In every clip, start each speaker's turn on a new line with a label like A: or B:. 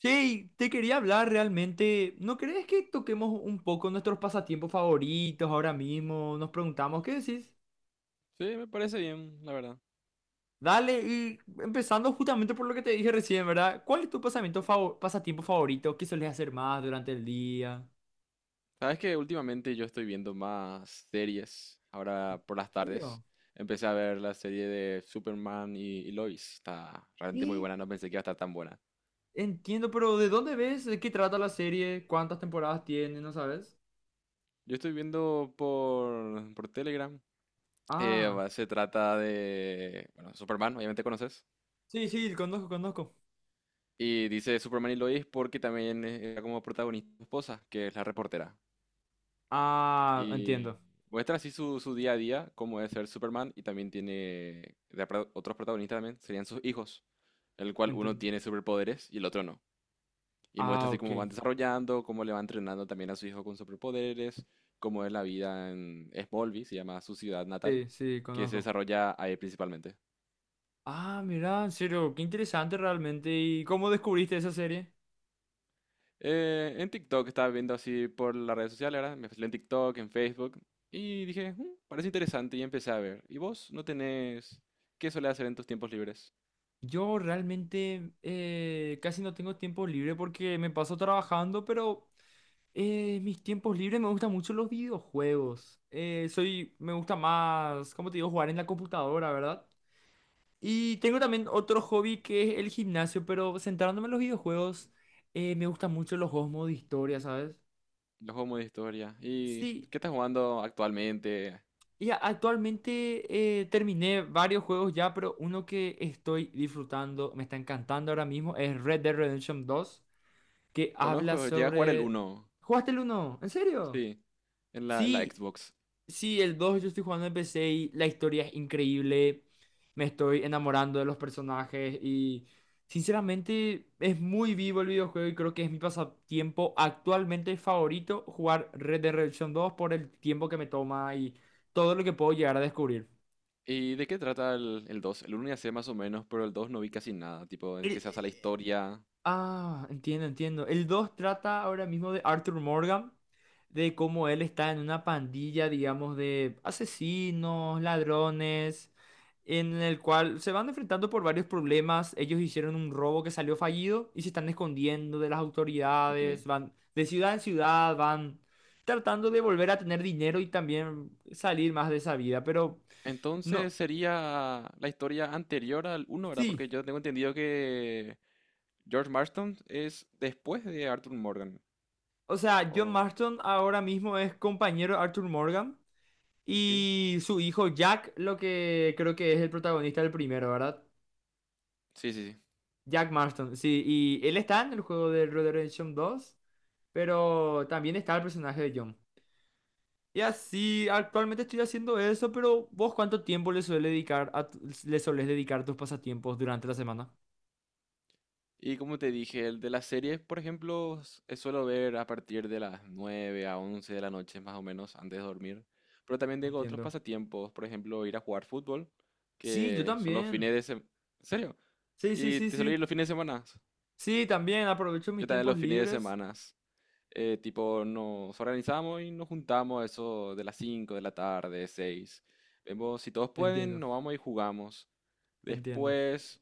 A: Sí, te quería hablar realmente. ¿No crees que toquemos un poco nuestros pasatiempos favoritos ahora mismo? Nos preguntamos, ¿qué decís?
B: Sí, me parece bien, la verdad.
A: Dale, y empezando justamente por lo que te dije recién, ¿verdad? ¿Cuál es tu pasatiempo favorito? ¿Qué sueles hacer más durante el día?
B: Sabes que últimamente yo estoy viendo más series. Ahora por las
A: ¿En
B: tardes
A: serio?
B: empecé a ver la serie de Superman y Lois. Está realmente muy
A: Sí,
B: buena, no pensé que iba a estar tan buena.
A: entiendo, pero ¿de dónde ves? ¿De qué trata la serie? ¿Cuántas temporadas tiene? ¿No sabes?
B: Yo estoy viendo por Telegram.
A: Ah,
B: Se trata de, bueno, Superman, obviamente conoces.
A: sí, sí, conozco, conozco.
B: Y dice Superman y Lois porque también era como protagonista su esposa, que es la reportera.
A: Ah,
B: Y
A: entiendo,
B: muestra así su día a día, cómo es ser Superman, y también tiene otros protagonistas también, serían sus hijos, el cual uno
A: entiendo.
B: tiene superpoderes y el otro no. Y muestra
A: Ah,
B: así
A: ok.
B: cómo van desarrollando, cómo le va entrenando también a su hijo con superpoderes, cómo es la vida en Smallville, se llama su ciudad natal,
A: Sí, sí,
B: que se
A: conozco.
B: desarrolla ahí principalmente.
A: Ah, mira, en serio, qué interesante realmente. ¿Y cómo descubriste esa serie?
B: En TikTok estaba viendo así por las redes sociales, ahora me fui en TikTok, en Facebook, y dije, "Mm, parece interesante y empecé a ver. ¿Y vos no tenés qué solés hacer en tus tiempos libres?
A: Yo realmente casi no tengo tiempo libre porque me paso trabajando, pero mis tiempos libres me gustan mucho los videojuegos. Soy, me gusta más, como te digo, jugar en la computadora, ¿verdad? Y tengo también otro hobby que es el gimnasio, pero centrándome en los videojuegos, me gustan mucho los juegos modo historia, ¿sabes?
B: Los juegos modo historia. ¿Y
A: Sí.
B: qué estás jugando actualmente?
A: Y actualmente terminé varios juegos ya, pero uno que estoy disfrutando, me está encantando ahora mismo, es Red Dead Redemption dos que habla
B: Conozco, llegué a jugar el
A: sobre...
B: uno.
A: ¿Jugaste el uno? ¿En serio?
B: Sí, en la
A: Sí,
B: Xbox.
A: sí, el 2 yo estoy jugando en PC y la historia es increíble, me estoy enamorando de los personajes y sinceramente es muy vivo el videojuego y creo que es mi pasatiempo actualmente favorito jugar Red Dead Redemption dos por el tiempo que me toma y todo lo que puedo llegar a descubrir.
B: ¿Y de qué trata el 2? El uno ya sé más o menos, pero el 2 no vi casi nada. Tipo, ¿de qué
A: El-
B: se basa la
A: eh,
B: historia?
A: ah, entiendo, entiendo. El 2 trata ahora mismo de Arthur Morgan, de cómo él está en una pandilla, digamos, de asesinos, ladrones, en el cual se van enfrentando por varios problemas. Ellos hicieron un robo que salió fallido y se están escondiendo de las
B: Ok.
A: autoridades, van de ciudad en ciudad, van tratando de volver a tener dinero y también salir más de esa vida. Pero no,
B: Entonces sería la historia anterior al uno, ¿verdad?
A: sí.
B: Porque yo tengo entendido que George Marston es después de Arthur Morgan.
A: O sea, John
B: O-
A: Marston ahora mismo es compañero de Arthur Morgan.
B: ok.
A: Y su hijo Jack, lo que creo que es el protagonista del primero, ¿verdad?
B: Sí, sí, sí.
A: Jack Marston, sí. Y él está en el juego de Red Dead Redemption 2, pero también está el personaje de John. Y así, actualmente estoy haciendo eso, pero ¿vos cuánto tiempo le suele dedicar a le solés dedicar a tus pasatiempos durante la semana?
B: Y como te dije, el de las series, por ejemplo, suelo ver a partir de las 9 a 11 de la noche, más o menos, antes de dormir. Pero también tengo otros
A: Entiendo.
B: pasatiempos, por ejemplo, ir a jugar fútbol,
A: Sí, yo
B: que son los
A: también.
B: fines de semana. ¿En serio?
A: Sí, sí,
B: Y
A: sí,
B: te suelo
A: sí.
B: ir los fines de semana.
A: Sí, también aprovecho mis
B: Yo también
A: tiempos
B: los fines de
A: libres.
B: semana. Tipo, nos organizamos y nos juntamos eso de las 5 de la tarde, 6. Vemos si todos pueden,
A: Entiendo,
B: nos vamos y jugamos.
A: entiendo.
B: Después,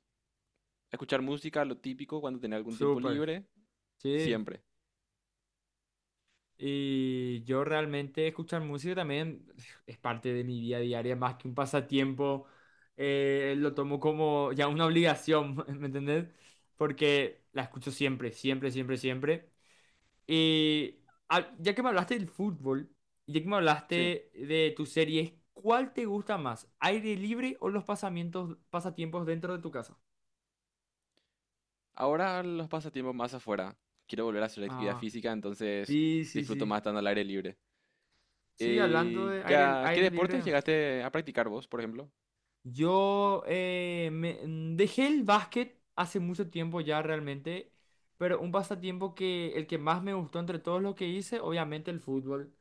B: escuchar música, lo típico, cuando tenía algún tiempo
A: Súper.
B: libre,
A: Sí.
B: siempre.
A: Y yo realmente escuchar música también es parte de mi vida diaria, más que un pasatiempo, lo tomo como ya una obligación, ¿me entendés? Porque la escucho siempre, siempre, siempre, siempre. Y ya que me hablaste del fútbol, ya que me
B: Sí,
A: hablaste de tus series, ¿cuál te gusta más? ¿Aire libre o los pasatiempos dentro de tu casa?
B: ahora los pasatiempos más afuera. Quiero volver a hacer actividad
A: Ah,
B: física, entonces
A: sí, sí,
B: disfruto
A: sí.
B: más estando al aire libre.
A: Sí, hablando de
B: Ya, ¿qué
A: aire
B: deportes
A: libre.
B: llegaste a practicar vos, por ejemplo?
A: Yo dejé el básquet hace mucho tiempo ya realmente, pero un pasatiempo que el que más me gustó entre todos los que hice, obviamente el fútbol.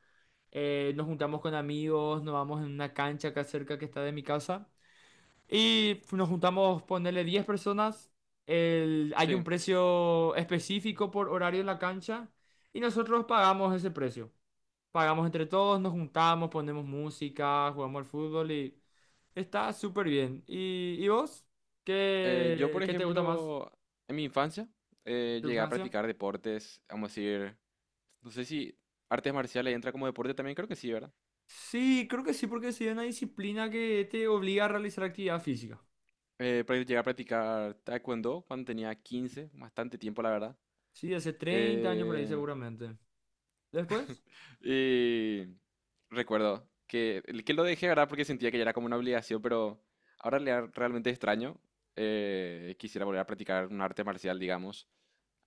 A: Nos juntamos con amigos, nos vamos en una cancha acá cerca que está de mi casa y nos juntamos, ponerle 10 personas. Hay un
B: Sí,
A: precio específico por horario en la cancha y nosotros pagamos ese precio. Pagamos entre todos, nos juntamos, ponemos música, jugamos al fútbol. Está súper bien. ¿Y vos?
B: yo,
A: ¿Qué,
B: por
A: qué te gusta más
B: ejemplo, en mi infancia
A: de tu
B: llegué a
A: infancia?
B: practicar deportes, vamos a decir, no sé si artes marciales entra como deporte también, creo que sí, ¿verdad?
A: Sí, creo que sí, porque sí es una disciplina que te obliga a realizar actividad física.
B: Llegué a practicar taekwondo cuando tenía 15, bastante tiempo, la verdad.
A: Sí, hace 30 años por ahí
B: Eh,
A: seguramente. ¿Después?
B: Y recuerdo que lo dejé, ¿verdad? Porque sentía que ya era como una obligación, pero ahora realmente extraño. Quisiera volver a practicar un arte marcial, digamos.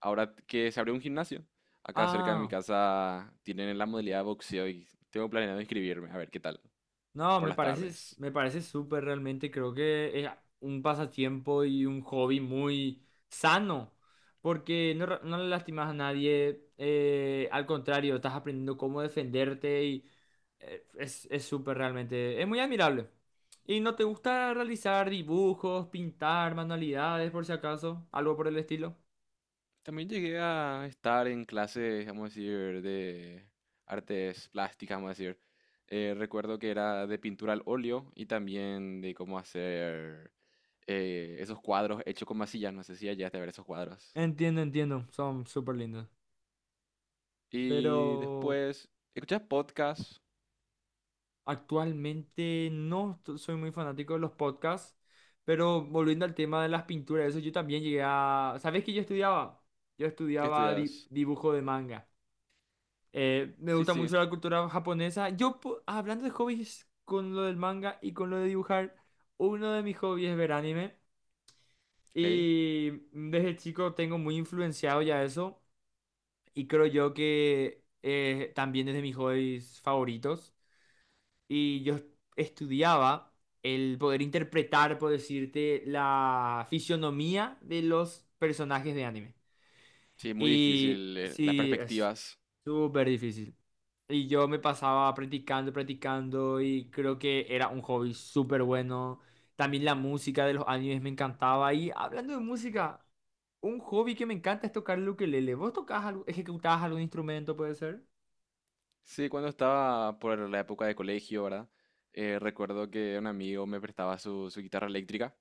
B: Ahora que se abrió un gimnasio, acá cerca de mi
A: Ah.
B: casa tienen la modalidad de boxeo y tengo planeado inscribirme, a ver qué tal,
A: No,
B: por
A: me
B: las
A: parece,
B: tardes.
A: me parece súper realmente. Creo que es un pasatiempo y un hobby muy sano, porque no, no le lastimas a nadie. Al contrario, estás aprendiendo cómo defenderte y es súper realmente. Es muy admirable. ¿Y no te gusta realizar dibujos, pintar, manualidades, por si acaso? Algo por el estilo.
B: También llegué a estar en clases, vamos a decir, de artes plásticas, vamos a decir. Recuerdo que era de pintura al óleo y también de cómo hacer esos cuadros hechos con masillas. No sé si llegaste a ver esos cuadros.
A: Entiendo, entiendo. Son súper lindos.
B: Y
A: Pero
B: después, ¿escuchas podcast?
A: actualmente no t- soy muy fanático de los podcasts, pero volviendo al tema de las pinturas, eso yo también llegué a... ¿Sabes qué yo estudiaba? Yo
B: ¿Qué
A: estudiaba
B: estudias?
A: dibujo de manga. Me
B: Sí,
A: gusta
B: sí,
A: mucho la cultura japonesa. Yo, hablando de hobbies con lo del manga y con lo de dibujar, uno de mis hobbies es ver anime.
B: ok.
A: Y desde chico tengo muy influenciado ya eso. Y creo yo que también es de mis hobbies favoritos. Y yo estudiaba el poder interpretar, por decirte, la fisionomía de los personajes de anime.
B: Sí, muy
A: Y
B: difícil, las
A: sí, es
B: perspectivas.
A: súper difícil. Y yo me pasaba practicando, practicando y creo que era un hobby súper bueno. También la música de los animes me encantaba. Y hablando de música, un hobby que me encanta es tocar el ukelele. ¿Vos tocás algo, ejecutabas algún instrumento, puede ser?
B: Sí, cuando estaba por la época de colegio, ¿verdad? Recuerdo que un amigo me prestaba su guitarra eléctrica.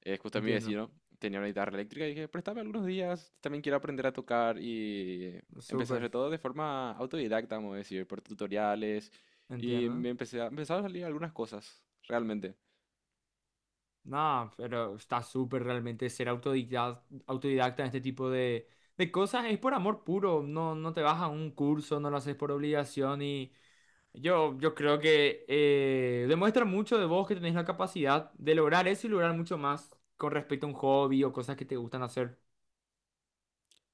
B: Justo mi
A: Entiendo,
B: vecino tenía una guitarra eléctrica y dije, préstame algunos días, también quiero aprender a tocar y empecé a
A: súper,
B: hacer todo de forma autodidacta, vamos a decir, por tutoriales y
A: entiendo.
B: empezaron a salir algunas cosas, realmente.
A: No, pero está súper realmente ser autodidacta, autodidacta en este tipo de cosas. Es por amor puro, no, no te vas a un curso, no lo haces por obligación y yo creo que demuestra mucho de vos que tenés la capacidad de lograr eso y lograr mucho más con respecto a un hobby o cosas que te gustan hacer.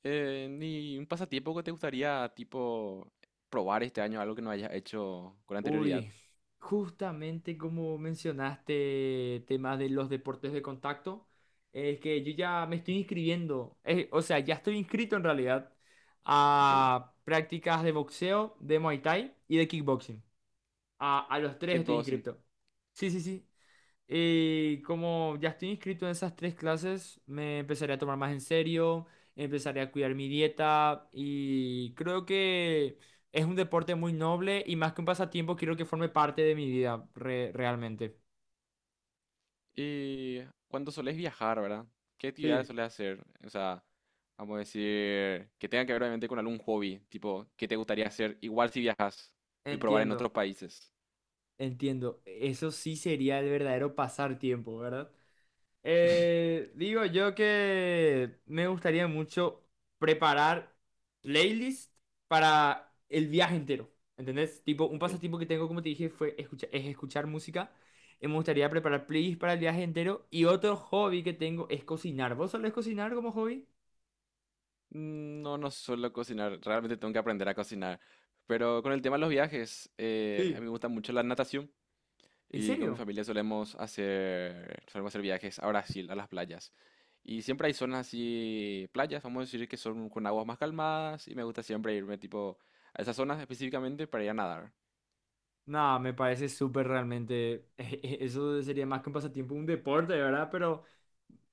B: ¿Ni un pasatiempo que te gustaría, tipo, probar este año, algo que no hayas hecho con anterioridad?
A: Uy, justamente como mencionaste temas de los deportes de contacto, es que yo ya me estoy inscribiendo, o sea, ya estoy inscrito en realidad
B: Ok.
A: a prácticas de boxeo, de Muay Thai y de kickboxing. A los tres estoy
B: Kickboxing.
A: inscrito. Sí, sí, sí. Y como ya estoy inscrito en esas tres clases, me empezaré a tomar más en serio, empezaré a cuidar mi dieta y creo que es un deporte muy noble y más que un pasatiempo, quiero que forme parte de mi vida realmente.
B: Y cuando solés viajar, ¿verdad? ¿Qué actividades
A: Sí.
B: solés hacer? O sea, vamos a decir, que tenga que ver obviamente con algún hobby, tipo, ¿qué te gustaría hacer igual si viajas y probar en otros
A: Entiendo,
B: países?
A: entiendo. Eso sí sería el verdadero pasar tiempo, ¿verdad? Digo yo que me gustaría mucho preparar playlist para el viaje entero. ¿Entendés? Tipo, un
B: Ok.
A: pasatiempo que tengo, como te dije, es escuchar música. Y me gustaría preparar playlist para el viaje entero. Y otro hobby que tengo es cocinar. ¿Vos solés cocinar como hobby?
B: No, no suelo cocinar, realmente tengo que aprender a cocinar. Pero con el tema de los viajes, a mí
A: Sí.
B: me gusta mucho la natación.
A: ¿En
B: Y con mi
A: serio?
B: familia solemos hacer viajes a Brasil, a las playas. Y siempre hay zonas así, playas, vamos a decir que son con aguas más calmadas. Y me gusta siempre irme tipo a esas zonas específicamente para ir a nadar.
A: No, me parece súper realmente. Eso sería más que un pasatiempo, un deporte, ¿verdad? Pero.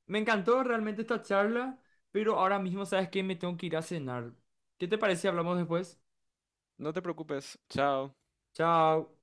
A: Me encantó realmente esta charla, pero ahora mismo sabes que me tengo que ir a cenar. ¿Qué te parece si hablamos después?
B: No te preocupes, chao.
A: Chao.